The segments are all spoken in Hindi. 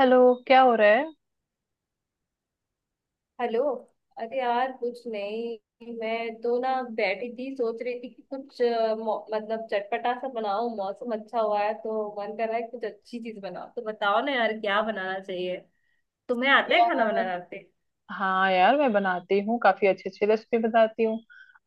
हेलो। क्या हो रहा है हेलो। अरे यार, कुछ नहीं, मैं तो ना बैठी थी, सोच रही थी कि कुछ मतलब चटपटा सा बनाऊं। मौसम अच्छा हुआ है तो मन कर रहा है, कुछ अच्छी चीज बनाओ। तो बताओ ना यार, क्या बनाना चाहिए। तुम्हें आता है खाना यार? बनाना, आते? हाँ यार, मैं बनाती हूँ काफी अच्छी अच्छी रेसिपी बताती हूँ।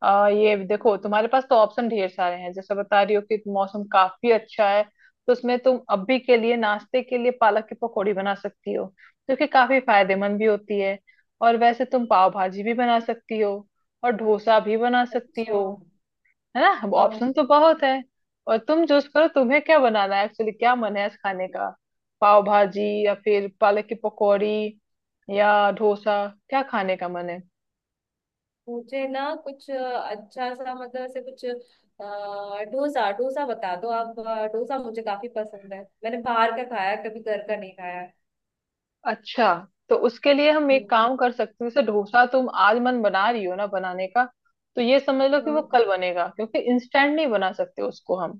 आ ये देखो, तुम्हारे पास तो ऑप्शन ढेर सारे हैं। जैसे बता रही हो कि मौसम काफी अच्छा है, तो उसमें तुम अभी के लिए नाश्ते के लिए पालक की पकौड़ी बना सकती हो, जो कि काफी फायदेमंद भी होती है। और वैसे तुम पाव भाजी भी बना सकती हो और डोसा भी बना सकती अच्छा। हो। है ना, अब हाँ। ऑप्शन तो बहुत है। और तुम चूज करो तुम्हें क्या बनाना है। एक्चुअली क्या मन है आज खाने का, पाव भाजी या फिर पालक की पकौड़ी या डोसा? क्या खाने का मन है? मुझे ना कुछ अच्छा सा, मतलब ऐसे कुछ डोसा, डोसा बता दो आप। डोसा मुझे काफी पसंद है, मैंने बाहर का खाया है, कभी घर का नहीं खाया है। अच्छा, तो उसके लिए हम एक हम्म। काम कर सकते हैं। जैसे डोसा तुम आज मन बना रही हो ना बनाने का, तो ये समझ लो कि वो हम्म। कल बनेगा, क्योंकि इंस्टेंट नहीं बना सकते उसको हम।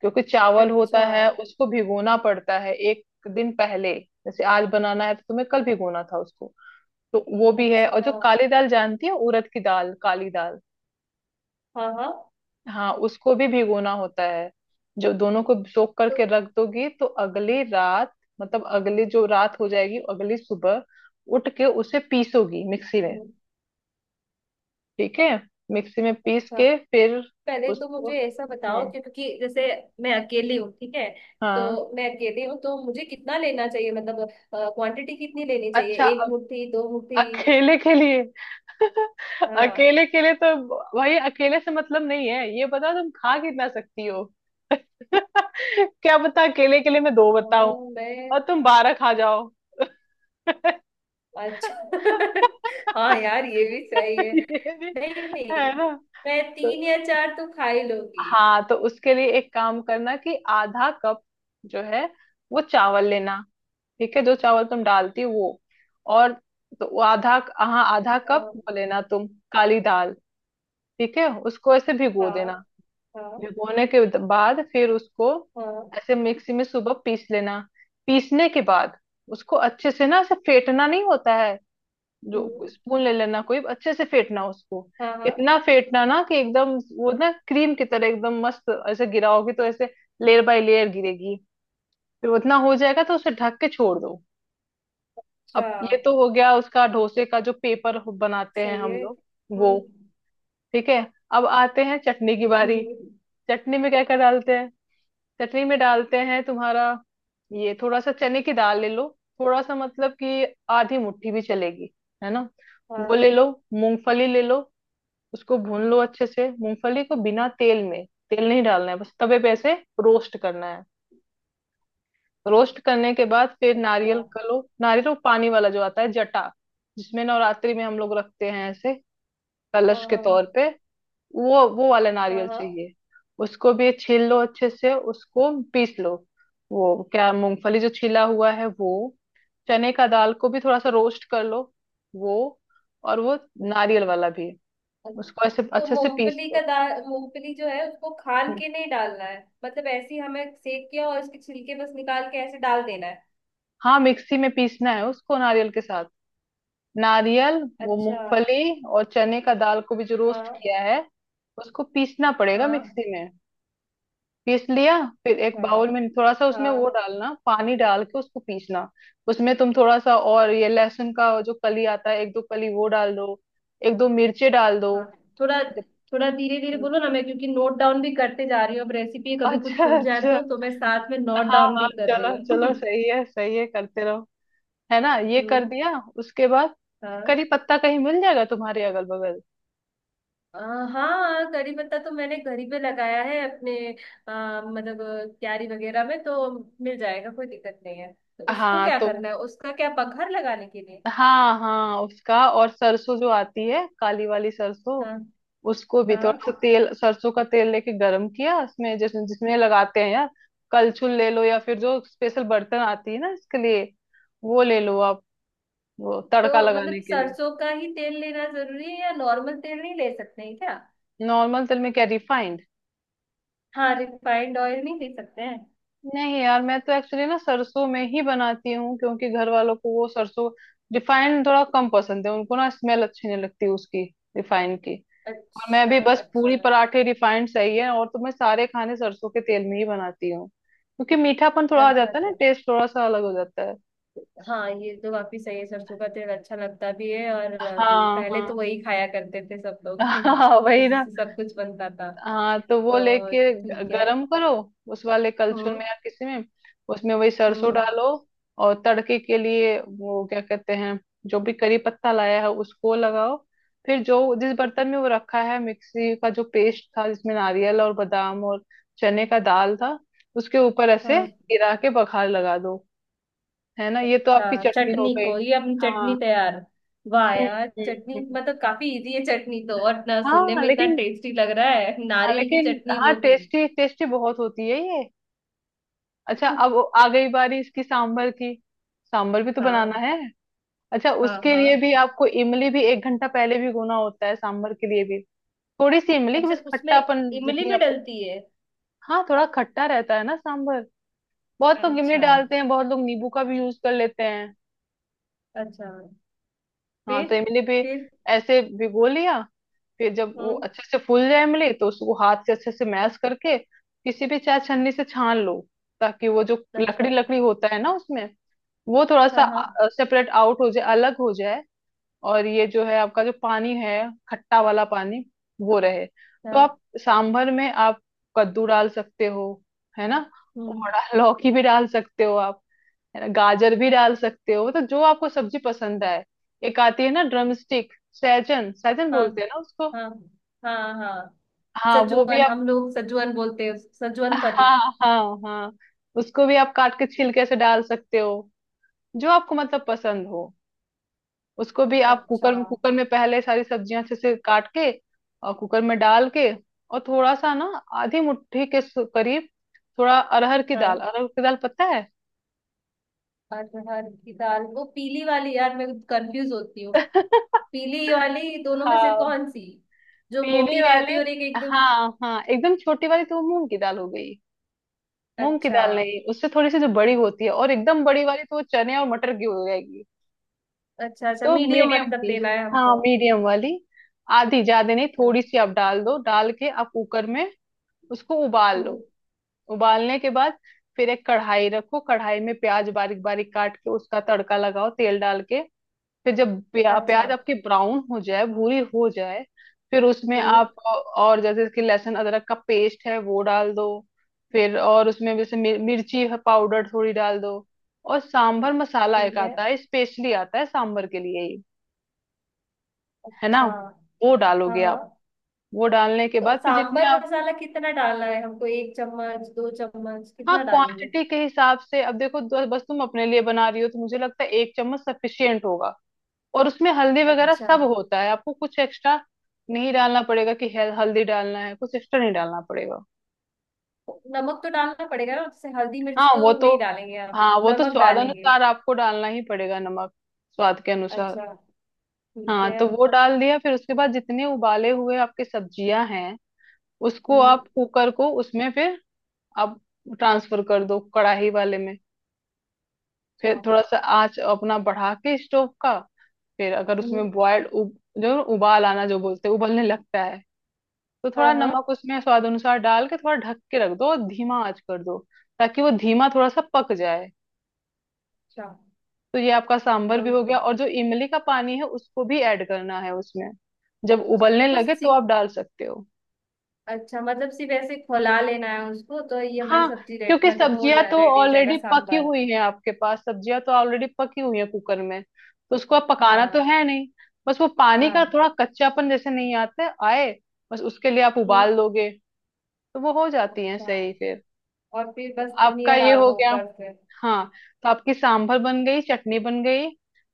क्योंकि चावल अच्छा, होता है, उसको भिगोना पड़ता है एक दिन पहले। जैसे आज बनाना है तो तुम्हें कल भिगोना था उसको। तो वो भी है, अच्छा। और जो काली दाल जानती है, उड़द की दाल, काली दाल। हाँ, हाँ। हाँ उसको भी भिगोना होता है। जो दोनों को सोख तो करके रख दोगी तो अगली रात, मतलब अगली जो रात हो जाएगी, अगली सुबह उठ के उसे पीसोगी मिक्सी में। ठीक है? मिक्सी में पीस अच्छा, के फिर पहले तो उसको। मुझे ऐसा बताओ हम्म। कि क्योंकि जैसे मैं अकेली हूँ, ठीक है। तो हाँ। मैं अकेली हूँ, तो मुझे कितना लेना चाहिए? मतलब क्वांटिटी कितनी लेनी चाहिए, अच्छा, 1 मुट्ठी 2 मुट्ठी अकेले के लिए। हाँ, अकेले के लिए तो भाई अकेले से मतलब नहीं है, ये बताओ तुम खा कितना सकती हो। क्या पता अकेले के लिए मैं दो बताऊं हाँ, मैं। और तुम बारह खा जाओ। अच्छा। हाँ यार, ये भी सही है। ये भी, नहीं, नहीं, है ना? मैं तो, तीन या चार तो खा ही लूंगी। हाँ तो उसके लिए एक काम करना कि आधा कप जो है वो चावल लेना। ठीक है, जो चावल तुम डालती हो वो। और तो वो आधा, हाँ आधा कप हाँ। वो लेना तुम काली दाल। ठीक है, उसको ऐसे भिगो हाँ। देना। हाँ। भिगोने के बाद फिर उसको हाँ। ऐसे मिक्सी में सुबह पीस लेना। पीसने के बाद उसको अच्छे से ना ऐसे फेंटना नहीं होता है। जो हम्म। स्पून ले लेना कोई, अच्छे से फेंटना उसको। हाँ, हाँ। इतना फेंटना ना कि एकदम वो ना क्रीम की तरह एकदम मस्त, ऐसे गिराओगे तो ऐसे लेयर बाय लेयर गिरेगी। फिर उतना हो जाएगा तो उसे ढक के छोड़ दो। अच्छा। अब ये तो हो गया उसका, डोसे का जो पेपर बनाते हैं सही हम है। लोग वो। हम्म। ठीक है, अब आते हैं चटनी की बारी। हम्म। चटनी में क्या क्या डालते हैं? चटनी में डालते हैं तुम्हारा, ये थोड़ा सा चने की दाल ले लो। थोड़ा सा मतलब कि आधी मुट्ठी भी चलेगी, है ना। वो ले हाँ। लो। मूंगफली ले लो। उसको भून लो अच्छे से, मूंगफली को बिना तेल में। तेल नहीं डालना है, बस तवे पे ऐसे रोस्ट करना है। रोस्ट करने के बाद फिर अच्छा। नारियल का लो, नारियल वो पानी वाला जो आता है जटा, जिसमें नवरात्रि में हम लोग रखते हैं ऐसे कलश के हाँ। तौर पे, वो वाला हाँ। नारियल हाँ। चाहिए। उसको भी छील लो अच्छे से, उसको पीस लो। वो क्या मूंगफली जो छिला हुआ है वो, चने का दाल को भी थोड़ा सा रोस्ट कर लो वो, और वो नारियल वाला भी, उसको ऐसे तो अच्छे से पीस मूंगफली का लो। दाल, मूंगफली जो है उसको खाल हम्म। के नहीं डालना है? मतलब ऐसे ही हमें सेक के और उसके छिलके बस निकाल के ऐसे डाल देना है। हाँ मिक्सी में पीसना है उसको नारियल के साथ। नारियल, वो अच्छा। मूंगफली और चने का दाल को भी जो रोस्ट हाँ। किया है, उसको पीसना पड़ेगा हाँ। मिक्सी में। पीस लिया। फिर एक हाँ। बाउल में थोड़ा सा उसमें वो हाँ। डालना, पानी डाल के उसको पीसना। उसमें तुम थोड़ा सा और ये लहसुन का जो कली आता है, एक दो कली वो डाल दो। एक दो मिर्चे डाल दो। हाँ। थोड़ा, जब- थोड़ा धीरे धीरे बोलो ना, मैं क्योंकि नोट डाउन भी करते जा रही हूँ अब रेसिपी, कभी कुछ अच्छा छूट जाए अच्छा, तो मैं साथ में नोट हाँ डाउन हाँ, भी कर रही चलो चलो, हूँ। सही है सही है, करते रहो। है ना, ये कर हम्म। दिया। उसके बाद हाँ। करी पत्ता कहीं मिल जाएगा तुम्हारे अगल बगल। अ, हाँ, करी पत्ता तो मैंने घर ही पे लगाया है अपने। मतलब क्यारी वगैरह में तो मिल जाएगा, कोई दिक्कत नहीं है। तो उसको हाँ क्या तो करना है, उसका क्या पखर लगाने के लिए? हाँ हाँ, उसका और सरसों जो आती है, काली वाली सरसों, हाँ, उसको भी थोड़ा हाँ। सा तेल, सरसों का तेल लेके गरम किया, उसमें जिसमें लगाते हैं यार, कलछुल ले लो या फिर जो स्पेशल बर्तन आती है ना इसके लिए, वो ले लो आप, वो तो तड़का लगाने मतलब के लिए। सरसों का ही तेल लेना जरूरी है, या नॉर्मल तेल नहीं ले सकते हैं क्या? नॉर्मल तेल में क्या रिफाइंड? हाँ, रिफाइंड ऑयल नहीं ले सकते हैं? नहीं यार, मैं तो एक्चुअली ना सरसों में ही बनाती हूँ क्योंकि घर वालों को वो सरसों, रिफाइंड थोड़ा कम पसंद है उनको, ना स्मेल अच्छी नहीं लगती उसकी, रिफाइंड की। और मैं अच्छा भी बस अच्छा। पूरी पराठे रिफाइंड सही है, और तो मैं सारे खाने सरसों के तेल में ही बनाती हूँ क्योंकि मीठापन थोड़ा आ अच्छा, जाता है ना, अच्छा। टेस्ट थोड़ा सा अलग हो जाता है। हाँ, ये तो काफी सही है, सरसों का तेल अच्छा लगता भी है, और पहले हाँ तो वही खाया करते थे सब लोग। हाँ, वही उसी ना। से सब कुछ बनता था। हाँ तो वो तो लेके ठीक है। गरम करो, उस वाले कलछुल में हम्म। या किसी में, उसमें वही सरसों हम्म। डालो। और तड़के के लिए वो क्या कहते हैं, जो भी करी पत्ता लाया है उसको लगाओ। फिर जो जिस बर्तन में वो रखा है, मिक्सी का जो पेस्ट था जिसमें नारियल और बादाम और चने का दाल था, उसके ऊपर ऐसे हाँ। गिरा के बघार लगा दो। है ना, ये तो अच्छा, आपकी चटनी हो चटनी गई। को, ये अपनी चटनी हाँ, तैयार। वाह हम्म यार, चटनी हम्म। मतलब काफी इजी है चटनी तो, और ना सुनने हाँ में इतना लेकिन, टेस्टी लग रहा है, हाँ नारियल की लेकिन, चटनी हाँ वो भी। टेस्टी टेस्टी बहुत होती है ये। अच्छा, अब आ गई बारी इसकी सांभर की। सांभर भी तो बनाना हाँ। है। अच्छा, हाँ। उसके लिए हाँ। भी आपको इमली भी एक घंटा पहले भिगोना होता है, सांभर के लिए भी। थोड़ी सी इमली, अच्छा, बस उसमें खट्टापन इमली जितनी भी आपको। डलती है? हाँ थोड़ा खट्टा रहता है ना सांभर। बहुत लोग इमली अच्छा। डालते हैं, बहुत लोग नींबू का भी यूज कर लेते हैं। अच्छा। हाँ फिर? तो इमली भी फिर? ऐसे भिगो लिया। फिर जब वो हम्म। अच्छे से फूल जाए इमली, तो उसको हाथ से अच्छे से मैश करके किसी भी चाय छन्नी से छान लो, ताकि वो जो लकड़ी अच्छा। लकड़ी होता है ना उसमें, वो थोड़ा हाँ। सा हाँ। सेपरेट आउट हो जाए, अलग हो जाए। और ये जो है आपका जो पानी है, खट्टा वाला पानी, वो रहे तो हाँ। आप सांभर में आप कद्दू डाल सकते हो, है ना। हम्म। और लौकी भी डाल सकते हो आप, है ना। गाजर भी डाल सकते हो, तो जो आपको सब्जी पसंद आए। एक आती है ना ड्रम स्टिक, सहजन, सहजन हाँ। बोलते हैं ना उसको, हाँ। हाँ। हाँ। हाँ वो भी सजवन, आप, हम लोग सजवन बोलते हैं, सजवन फली। हाँ हाँ हाँ, उसको भी आप काट के छिलके से डाल सकते हो, जो आपको मतलब पसंद हो। उसको भी आप अच्छा। कुकर कुकर में पहले सारी सब्जियां अच्छे से काट के और कुकर में डाल के, और थोड़ा सा ना, आधी मुट्ठी के करीब थोड़ा अरहर की दाल, हाँ। अरहर की दाल पता है। अरहर की दाल, वो पीली वाली? यार मैं कंफ्यूज होती हूँ, पीली वाली दोनों में से हाँ कौन सी, जो पीली मोटी रहती वाली, है, और एक एकदम। हाँ हाँ। एकदम छोटी वाली तो वो मूंग की दाल हो गई, मूंग की अच्छा। दाल नहीं, उससे थोड़ी सी जो बड़ी होती है, और एकदम बड़ी वाली तो वो चने और मटर की हो जाएगी। अच्छा, अच्छा, तो मीडियम मीडियम मतलब की, लेना है हाँ हमको? मीडियम वाली। आधी ज्यादा नहीं, थोड़ी सी आप डाल दो, डाल के आप कुकर में उसको उबाल लो। हम्म। उबालने के बाद फिर एक कढ़ाई रखो, कढ़ाई में प्याज बारीक बारीक काट के उसका तड़का लगाओ, तेल डाल के। फिर जब अच्छा। प्याज आपकी ब्राउन हो जाए, भूरी हो जाए, फिर उसमें हम्म। आप, और जैसे कि लहसुन अदरक का पेस्ट है वो डाल दो। फिर और उसमें जैसे मिर्ची है पाउडर, थोड़ी डाल दो। और सांभर मसाला एक ठीक है। आता है, स्पेशली आता है सांभर के लिए ही, है ना, अच्छा। वो हाँ, डालोगे हाँ, आप। वो डालने के तो बाद फिर जितने सांबर आप, मसाला कितना डालना है हमको, 1 चम्मच 2 चम्मच हाँ कितना डालेंगे? क्वांटिटी के हिसाब से, अब देखो बस तुम अपने लिए बना रही हो तो मुझे लगता है एक चम्मच सफिशियंट होगा। और उसमें हल्दी वगैरह अच्छा। सब होता है, आपको कुछ एक्स्ट्रा नहीं डालना पड़ेगा कि हल्दी डालना है, कुछ एक्स्ट्रा नहीं डालना पड़ेगा। नमक तो डालना पड़ेगा ना, जैसे हल्दी मिर्च हाँ तो वो तो, नहीं डालेंगे आप, हाँ वो तो नमक स्वाद डालेंगे? अनुसार आपको डालना ही पड़ेगा नमक, स्वाद के अनुसार। अच्छा। ठीक हाँ है। तो वो डाल दिया, फिर उसके बाद जितने उबाले हुए आपके सब्जियां हैं, उसको हम्म। आप कुकर को उसमें फिर आप ट्रांसफर कर दो कढ़ाई वाले में। अच्छा। फिर थोड़ा सा आंच अपना बढ़ा के स्टोव का, फिर अगर हम्म। उसमें बॉयल जो उबाल आना जो बोलते हैं, उबलने लगता है, तो हाँ, थोड़ा हाँ। नमक उसमें स्वाद अनुसार डाल के थोड़ा ढक के रख दो और धीमा आंच कर दो, ताकि वो धीमा थोड़ा सा पक जाए। अच्छा तो ये आपका सांभर तो, भी हो गया, और जो इमली का पानी है उसको भी ऐड करना है उसमें, जब अच्छा उबलने तो कुछ लगे तो सी, आप डाल सकते हो। अच्छा मतलब सिर्फ ऐसे खौला लेना है उसको, तो ये हमारी हाँ, सब्जी रेड क्योंकि मतलब वो हो सब्जियां जा, तो रेडी हो जाएगा ऑलरेडी पकी सांबर? हुई हैं आपके पास, सब्जियां तो ऑलरेडी पकी हुई हैं कुकर में, तो उसको अब पकाना तो हाँ। है नहीं। बस वो पानी का हाँ। थोड़ा कच्चापन जैसे नहीं आता है, आए, बस उसके लिए आप हम्म। उबाल लोगे तो वो हो जाती है अच्छा, सही, फिर और फिर बस आपका धनिया ये डाल हो दो गया। ऊपर से। हाँ तो आपकी सांभर बन गई, चटनी बन गई।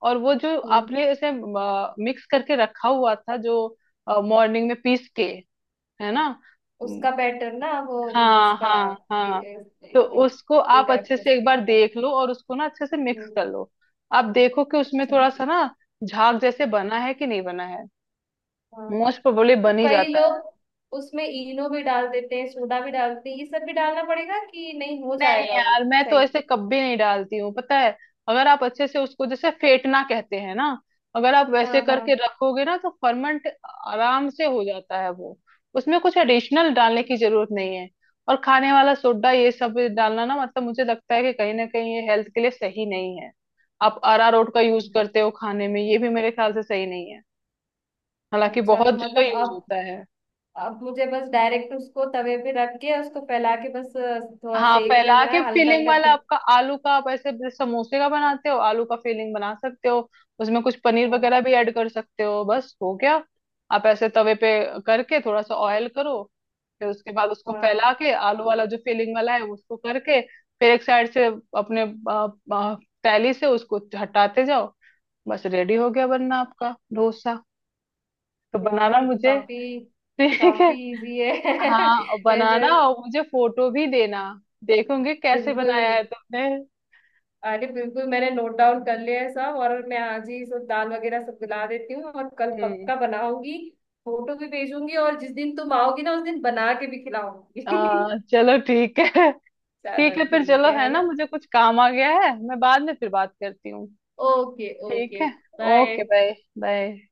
और वो जो हम्म, आपने इसे मिक्स करके रखा हुआ था, जो मॉर्निंग में पीस के, है ना, उसका बैटर ना, वो हाँ उसका हाँ, ए- हाँ तो उसको इडली आप टाइप अच्छे से जैसे एक बार दिखता है। देख लो और उसको ना अच्छे से मिक्स हम्म। कर लो। आप देखो कि उसमें अच्छा। थोड़ा सा ना झाग जैसे बना है कि नहीं बना है, हाँ, मोस्ट प्रोबेबली तो बन ही कई जाता है। लोग उसमें इनो भी डाल देते हैं, सोडा भी डालते हैं, ये सब भी डालना पड़ेगा कि नहीं हो नहीं जाएगा वो? यार, मैं तो सही। ऐसे कभी नहीं डालती हूँ पता है। अगर आप अच्छे से उसको जैसे फेंटना कहते हैं ना, अगर आप वैसे हाँ। करके हाँ। रखोगे ना तो फर्मेंट आराम से हो जाता है वो, उसमें कुछ एडिशनल डालने की जरूरत नहीं है। और खाने वाला सोडा ये सब डालना ना, मतलब मुझे लगता है कि कहीं ना कहीं ये हेल्थ के लिए सही नहीं है। आप अरारोट का यूज हम्म। करते हो खाने में, ये भी मेरे ख्याल से सही नहीं है, हालांकि अच्छा, बहुत तो जगह मतलब यूज अब, होता है। मुझे बस डायरेक्ट उसको तवे पे रख के, उसको फैला के बस थोड़ा हाँ सेकने फैला देना के, है, हल्का फीलिंग हल्का वाला से। आपका आलू का, आप ऐसे जैसे समोसे का बनाते हो आलू का फीलिंग बना सकते हो, उसमें कुछ पनीर हाँ, वगैरह भी ऐड कर सकते हो, बस हो गया। आप ऐसे तवे पे करके थोड़ा सा ऑयल करो, फिर उसके बाद उसको हाँ, फैला के आलू वाला जो फीलिंग वाला है उसको करके, फिर एक साइड से अपने आ, आ, तैली से उसको हटाते जाओ, बस रेडी हो गया बनना आपका डोसा। तो यार बनाना ये तो मुझे, काफी, ठीक है? काफी इजी है। हाँ बनाना ऐसे। और मुझे फोटो भी देना, देखूंगी कैसे बिल्कुल। बनाया है तुमने। अरे बिल्कुल, मैंने नोट डाउन कर लिया है सब, और मैं आज ही सब दाल वगैरह सब मिला देती हूँ, और कल हम्म। पक्का बनाऊंगी। फोटो भी भेजूंगी, और जिस दिन तुम आओगी ना, उस दिन बना के भी खिलाऊंगी। चलो ठीक है। ठीक चलो है फिर, ठीक चलो है है है ना, ना। मुझे कुछ काम आ गया है, मैं बाद में फिर बात करती हूँ। ओके, ठीक ओके। है, ओके, बाय। बाय। बाय।